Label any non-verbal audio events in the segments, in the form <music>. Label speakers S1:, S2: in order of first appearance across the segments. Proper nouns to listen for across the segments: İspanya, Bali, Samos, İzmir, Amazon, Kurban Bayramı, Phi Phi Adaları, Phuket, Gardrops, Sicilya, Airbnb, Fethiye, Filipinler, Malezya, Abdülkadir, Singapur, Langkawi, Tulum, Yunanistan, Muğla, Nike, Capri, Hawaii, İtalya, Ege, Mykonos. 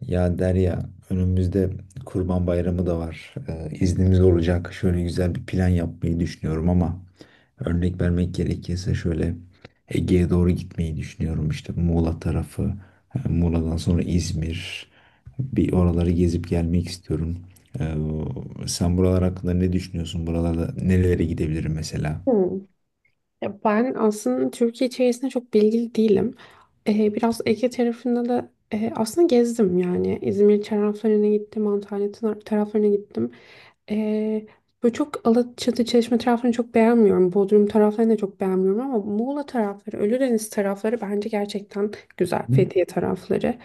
S1: Ya Derya, önümüzde Kurban Bayramı da var. İznimiz olacak. Şöyle güzel bir plan yapmayı düşünüyorum ama örnek vermek gerekirse şöyle Ege'ye doğru gitmeyi düşünüyorum. İşte Muğla tarafı, Muğla'dan sonra İzmir. Bir oraları gezip gelmek istiyorum. Ee, Sen buralar hakkında ne düşünüyorsun? Buralarda nerelere gidebilirim mesela?
S2: Hmm. Ya ben aslında Türkiye içerisinde çok bilgili değilim. Biraz Ege tarafında da aslında gezdim yani. İzmir taraflarına gittim, Antalya taraflarına gittim. Ee, böyle çok Alaçatı, Çeşme taraflarını çok beğenmiyorum. Bodrum taraflarını da çok beğenmiyorum ama Muğla tarafları, Ölüdeniz tarafları bence gerçekten güzel.
S1: Hı?
S2: Fethiye tarafları.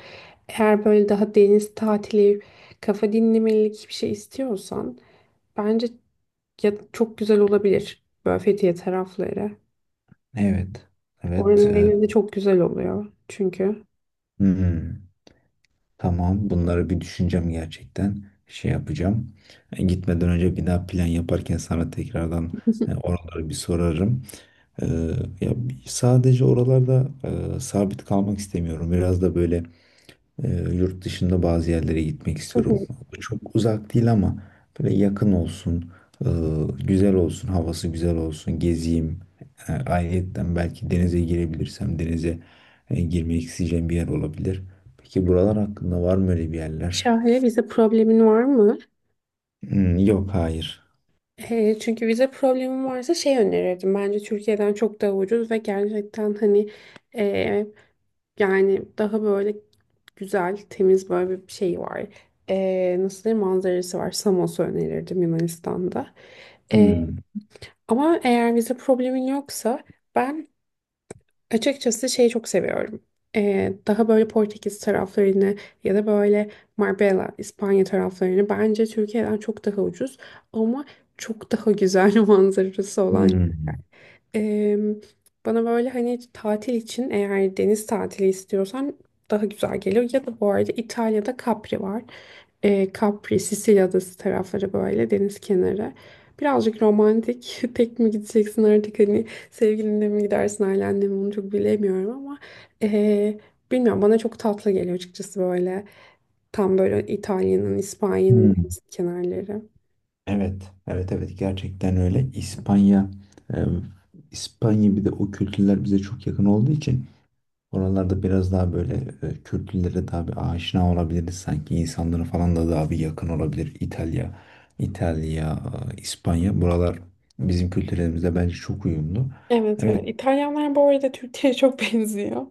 S2: Eğer böyle daha deniz tatili, kafa dinlemelik bir şey istiyorsan bence ya çok güzel olabilir böyle Fethiye tarafları.
S1: Evet. Evet.
S2: Oranın denizi çok güzel oluyor çünkü.
S1: Hmm. Tamam, bunları bir düşüneceğim gerçekten. Şey yapacağım. Gitmeden önce bir daha plan yaparken sana tekrardan
S2: <laughs>
S1: oraları bir sorarım. E, Ya sadece oralarda sabit kalmak istemiyorum. Biraz da böyle ee, yurt dışında bazı yerlere gitmek
S2: Hı
S1: istiyorum.
S2: hı.
S1: Çok uzak değil ama böyle yakın olsun, e, güzel olsun, havası güzel olsun, gezeyim. Ayrıyetten belki denize girebilirsem denize girmek isteyeceğim bir yer olabilir. Peki buralar hakkında var mı öyle bir yerler?
S2: Şahane vize problemin var mı?
S1: Hmm, yok, hayır.
S2: Çünkü vize problemin varsa şey önerirdim. Bence Türkiye'den çok daha ucuz ve gerçekten hani e, yani daha böyle güzel, temiz böyle bir şey var. Nasıl diyeyim manzarası var. Samos'u önerirdim Yunanistan'da. Ee,
S1: Hmm,
S2: ama eğer vize problemin yoksa ben açıkçası şeyi çok seviyorum. Daha böyle Portekiz taraflarını ya da böyle Marbella, İspanya taraflarını bence Türkiye'den çok daha ucuz ama çok daha güzel <laughs> manzarası olan.
S1: hmm,
S2: Eee, bana böyle hani tatil için eğer deniz tatili istiyorsan daha güzel geliyor. Ya da bu arada İtalya'da Capri var. Capri, Sicilya adası tarafları böyle deniz kenarı. Birazcık romantik. <laughs> Tek mi gideceksin artık hani sevgilinle mi gidersin ailenle mi onu çok bilemiyorum ama eee, bilmiyorum bana çok tatlı geliyor açıkçası böyle tam böyle İtalya'nın, İspanya'nın
S1: hmm.
S2: deniz kenarları.
S1: Evet, evet, evet gerçekten öyle. İspanya, e, İspanya bir de o kültürler bize çok yakın olduğu için. Oralarda biraz daha böyle kültürlere daha bir aşina olabiliriz sanki. İnsanlara falan da daha bir yakın olabilir. İtalya, İtalya, İspanya. Buralar bizim kültürlerimizle bence çok uyumlu.
S2: Evet,
S1: Evet,
S2: evet. İtalyanlar bu arada Türkiye'ye çok <laughs> benziyor.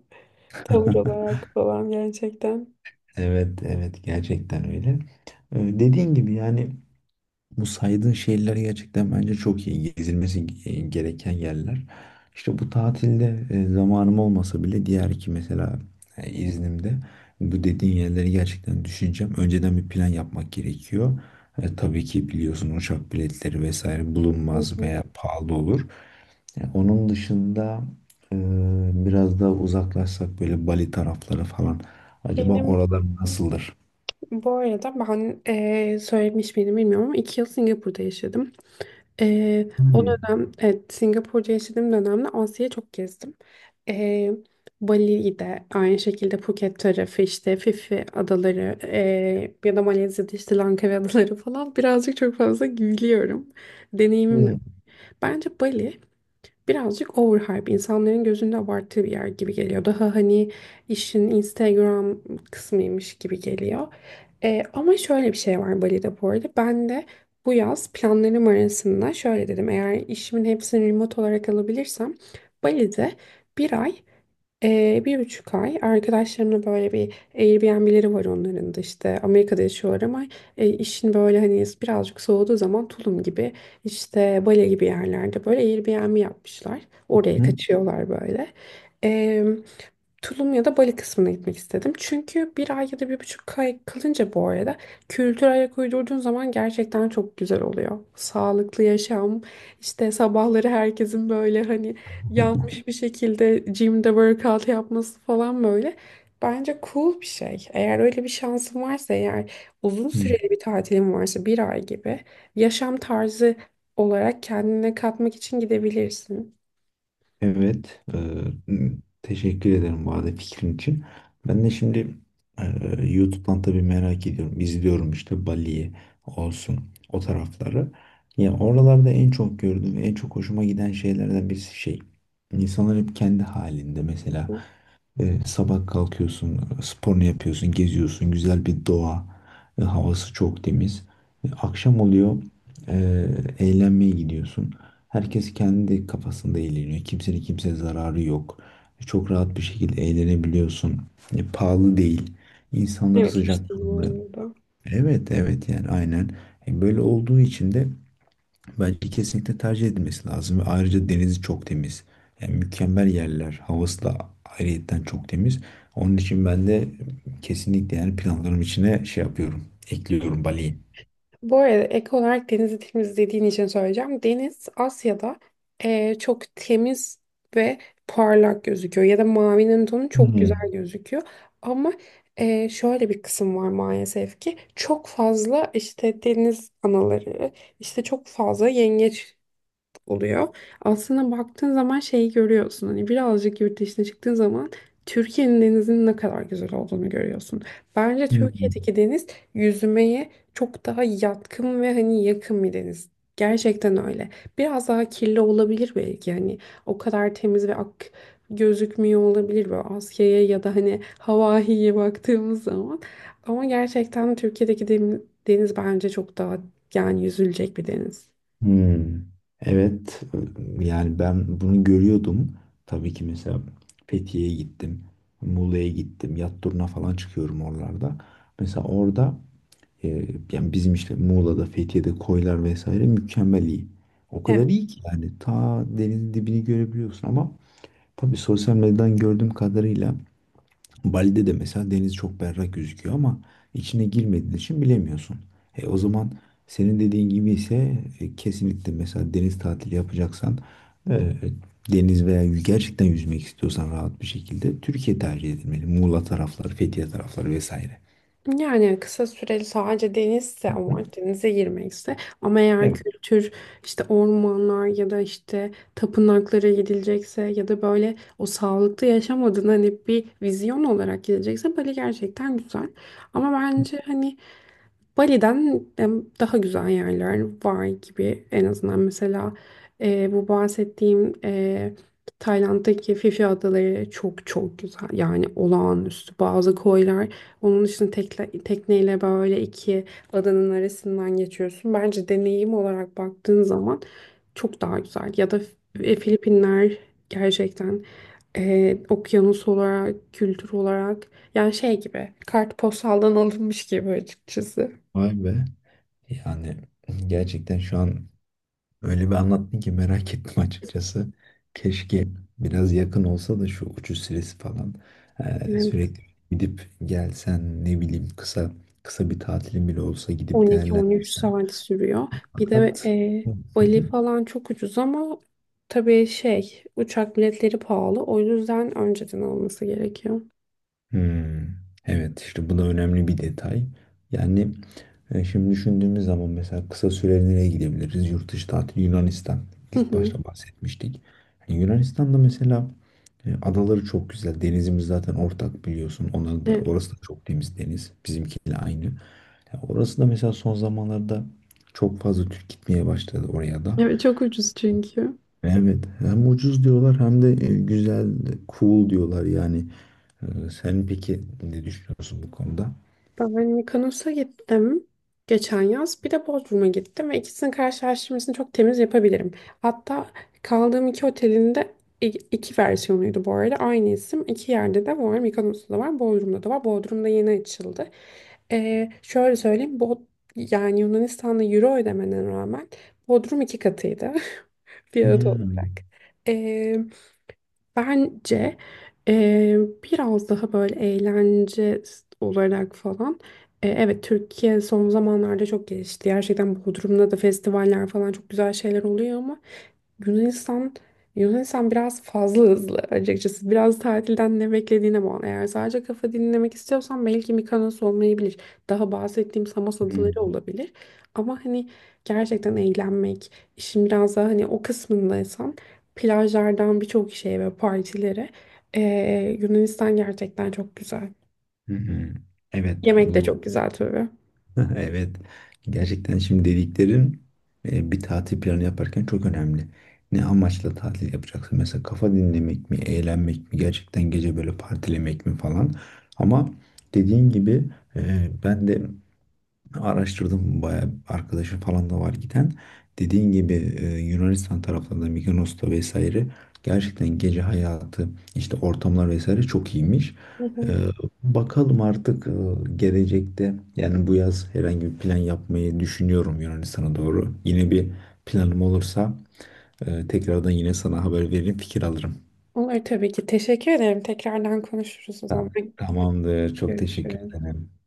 S2: Tavır
S1: <laughs>
S2: olarak falan gerçekten.
S1: evet, evet gerçekten öyle. Dediğin gibi yani bu saydığın şehirler gerçekten bence çok iyi. Gezilmesi gereken yerler. İşte bu tatilde zamanım olmasa bile diğer iki mesela iznimde bu dediğin yerleri gerçekten düşüneceğim. Önceden bir plan yapmak gerekiyor. Tabii ki biliyorsun uçak biletleri vesaire
S2: Hı
S1: bulunmaz
S2: hı.
S1: veya pahalı olur. Onun dışında e, biraz daha uzaklaşsak böyle Bali tarafları falan. Acaba
S2: Benim
S1: oralar nasıldır?
S2: bu arada ben söylemiş miydim bilmiyorum ama 2 yıl Singapur'da yaşadım. O
S1: Hı.
S2: dönem evet Singapur'da yaşadığım dönemde Asya'yı çok gezdim. Ee, Bali'yi de aynı şekilde Phuket tarafı işte Phi adaları ya da Malezya'da işte Langkawi adaları falan birazcık çok fazla gülüyorum. Deneyimim de.
S1: Hı.
S2: Bence Bali birazcık overhype insanların gözünde abarttığı bir yer gibi geliyor. Daha hani işin Instagram kısmıymış gibi geliyor. Ama şöyle bir şey var Bali'de bu arada. Ben de bu yaz planlarım arasında şöyle dedim. Eğer işimin hepsini remote olarak alabilirsem Bali'de bir ay bir buçuk ay arkadaşlarımla böyle bir Airbnb'leri var onların da işte Amerika'da yaşıyorlar ama işin böyle hani birazcık soğuduğu zaman Tulum gibi işte Bali gibi yerlerde böyle Airbnb yapmışlar. Oraya
S1: Hı.
S2: kaçıyorlar böyle. Ee, Tulum ya da Bali kısmına gitmek istedim. Çünkü bir ay ya da bir buçuk ay kalınca bu arada kültür ayak uydurduğun zaman gerçekten çok güzel oluyor. Sağlıklı yaşam, işte sabahları herkesin böyle hani yanmış bir şekilde gym'de workout yapması falan böyle. Bence cool bir şey. Eğer öyle bir şansın varsa eğer uzun
S1: Hı.
S2: süreli bir tatilin varsa bir ay gibi yaşam tarzı olarak kendine katmak için gidebilirsin.
S1: Evet, teşekkür ederim bu arada fikrin için. Ben de şimdi YouTube'dan tabii merak ediyorum. İzliyorum işte Bali'yi olsun o tarafları. Ya oralarda en çok gördüğüm, en çok hoşuma giden şeylerden birisi şey. İnsanlar hep kendi halinde mesela sabah kalkıyorsun, sporunu yapıyorsun, geziyorsun, güzel bir doğa, havası çok temiz. Akşam oluyor, e, eğlenmeye gidiyorsun. Herkes kendi kafasında eğleniyor. Kimsenin kimseye zararı yok. Çok rahat bir şekilde eğlenebiliyorsun. Pahalı değil. İnsanları
S2: Evet hiç değil
S1: sıcakkanlı.
S2: bu arada.
S1: Evet, evet yani aynen. Böyle olduğu için de bence kesinlikle tercih edilmesi lazım. Ve ayrıca denizi çok temiz. Yani mükemmel yerler. Havası da ayrıyetten çok temiz. Onun için ben de kesinlikle yani planlarım içine şey yapıyorum. Ekliyorum Bali'yi.
S2: Bu arada ek olarak denizi temizlediğin için söyleyeceğim. Deniz Asya'da çok temiz ve parlak gözüküyor ya da mavinin tonu çok güzel
S1: Hmm.
S2: gözüküyor. Ama şöyle bir kısım var maalesef ki çok fazla işte deniz anaları, işte çok fazla yengeç oluyor. Aslında baktığın zaman şeyi görüyorsun. Hani birazcık yurt dışına çıktığın zaman Türkiye'nin denizinin ne kadar güzel olduğunu görüyorsun. Bence
S1: Hmm.
S2: Türkiye'deki deniz yüzmeye çok daha yatkın ve hani yakın bir deniz. Gerçekten öyle. Biraz daha kirli olabilir belki hani o kadar temiz ve ak gözükmüyor olabilir böyle Asya'ya ya da hani Hawaii'ye baktığımız zaman. Ama gerçekten Türkiye'deki deniz bence çok daha yani yüzülecek bir deniz.
S1: Hmm. Evet. Yani ben bunu görüyordum. Tabii ki mesela Fethiye'ye gittim. Muğla'ya gittim. Yat turuna falan çıkıyorum oralarda. Mesela orada Ee, yani bizim işte Muğla'da, Fethiye'de koylar vesaire mükemmel iyi. O kadar
S2: Evet,
S1: iyi ki yani ta denizin dibini görebiliyorsun ama tabii sosyal medyadan gördüğüm kadarıyla Bali'de de mesela deniz çok berrak gözüküyor ama içine girmediğin için bilemiyorsun. O zaman senin dediğin gibi ise kesinlikle mesela deniz tatili yapacaksan e, deniz veya gerçekten yüzmek istiyorsan rahat bir şekilde Türkiye tercih edilmeli. Muğla tarafları, Fethiye tarafları vesaire.
S2: yani kısa süreli sadece denizse ama
S1: Hı.
S2: denize girmekse ama eğer
S1: Evet.
S2: kültür işte ormanlar ya da işte tapınaklara gidilecekse ya da böyle o sağlıklı yaşam adına hani bir vizyon olarak gidecekse Bali gerçekten güzel. Ama bence hani Bali'den daha güzel yerler var gibi en azından mesela bu bahsettiğim Tayland'daki Phi Phi Adaları çok çok güzel yani olağanüstü bazı koylar onun için tekle, tekneyle böyle iki adanın arasından geçiyorsun bence deneyim olarak baktığın zaman çok daha güzel ya da Filipinler gerçekten okyanus olarak kültür olarak yani şey gibi kartpostaldan <laughs> alınmış gibi açıkçası.
S1: Vay be. Yani gerçekten şu an öyle bir anlattın ki merak <laughs> ettim açıkçası. Keşke biraz yakın olsa da şu uçuş süresi falan
S2: Evet,
S1: sürekli gidip gelsen ne bileyim kısa kısa bir tatilin bile olsa gidip
S2: 12-13
S1: değerlendirsen.
S2: saat sürüyor. Bir de
S1: Fakat hı
S2: Bali
S1: hı.
S2: falan çok ucuz ama tabii şey uçak biletleri pahalı. O yüzden önceden alması gerekiyor.
S1: Hmm, evet işte bu da önemli bir detay. Yani şimdi düşündüğümüz zaman mesela kısa süreli nereye gidebiliriz? Yurt dışı tatil Yunanistan.
S2: Hı
S1: İlk
S2: hı.
S1: başta bahsetmiştik. Yani Yunanistan'da mesela adaları çok güzel. Denizimiz zaten ortak biliyorsun. Onların da,
S2: Evet,
S1: orası da çok temiz deniz. Bizimkiyle aynı. Ya orası da mesela son zamanlarda çok fazla Türk gitmeye başladı oraya da.
S2: evet çok ucuz çünkü.
S1: Evet, hem ucuz diyorlar hem de güzel, cool diyorlar yani. Sen peki ne düşünüyorsun bu konuda?
S2: Ben Mykonos'a gittim geçen yaz. Bir de Bodrum'a gittim ve ikisinin karşılaştırmasını çok temiz yapabilirim. Hatta kaldığım iki otelin de iki versiyonuydu bu arada. Aynı isim iki yerde de var. Mykonos'ta da var, Bodrum'da da var. Bodrum'da yeni açıldı. Şöyle söyleyeyim. Yani Yunanistan'da euro ödemene rağmen Bodrum iki katıydı <laughs> fiyat olarak.
S1: Hmm.
S2: Bence eee, biraz daha böyle eğlence olarak falan. Evet Türkiye son zamanlarda çok gelişti. Gerçekten Bodrum'da da festivaller falan çok güzel şeyler oluyor ama Yunanistan Yunanistan biraz fazla hızlı açıkçası. Biraz tatilden ne beklediğine bağlı. Eğer sadece kafa dinlemek istiyorsan belki Mikonos olmayabilir. Daha bahsettiğim Samos
S1: Hmm.
S2: adaları olabilir. Ama hani gerçekten eğlenmek, işin biraz daha hani o kısmındaysan plajlardan birçok şeye ve partilere. Yunanistan gerçekten çok güzel.
S1: Hı hı. Evet,
S2: Yemek de
S1: bu
S2: çok güzel tabii.
S1: <laughs> evet gerçekten şimdi dediklerin bir tatil planı yaparken çok önemli. Ne amaçla tatil yapacaksın? Mesela kafa dinlemek mi, eğlenmek mi, gerçekten gece böyle partilemek mi falan. Ama dediğin gibi ben de araştırdım bayağı arkadaşım falan da var giden. Dediğin gibi Yunanistan taraflarında Mykonos'ta vesaire gerçekten gece hayatı işte ortamlar vesaire çok iyiymiş.
S2: Hı
S1: E,
S2: hı.
S1: Bakalım artık gelecekte yani bu yaz herhangi bir plan yapmayı düşünüyorum Yunanistan'a doğru. Yine bir planım olursa tekrardan yine sana haber veririm fikir alırım.
S2: Olur tabii ki. Teşekkür ederim. Tekrardan konuşuruz o zaman.
S1: Tamamdır. Çok teşekkür
S2: Görüşürüz.
S1: ederim.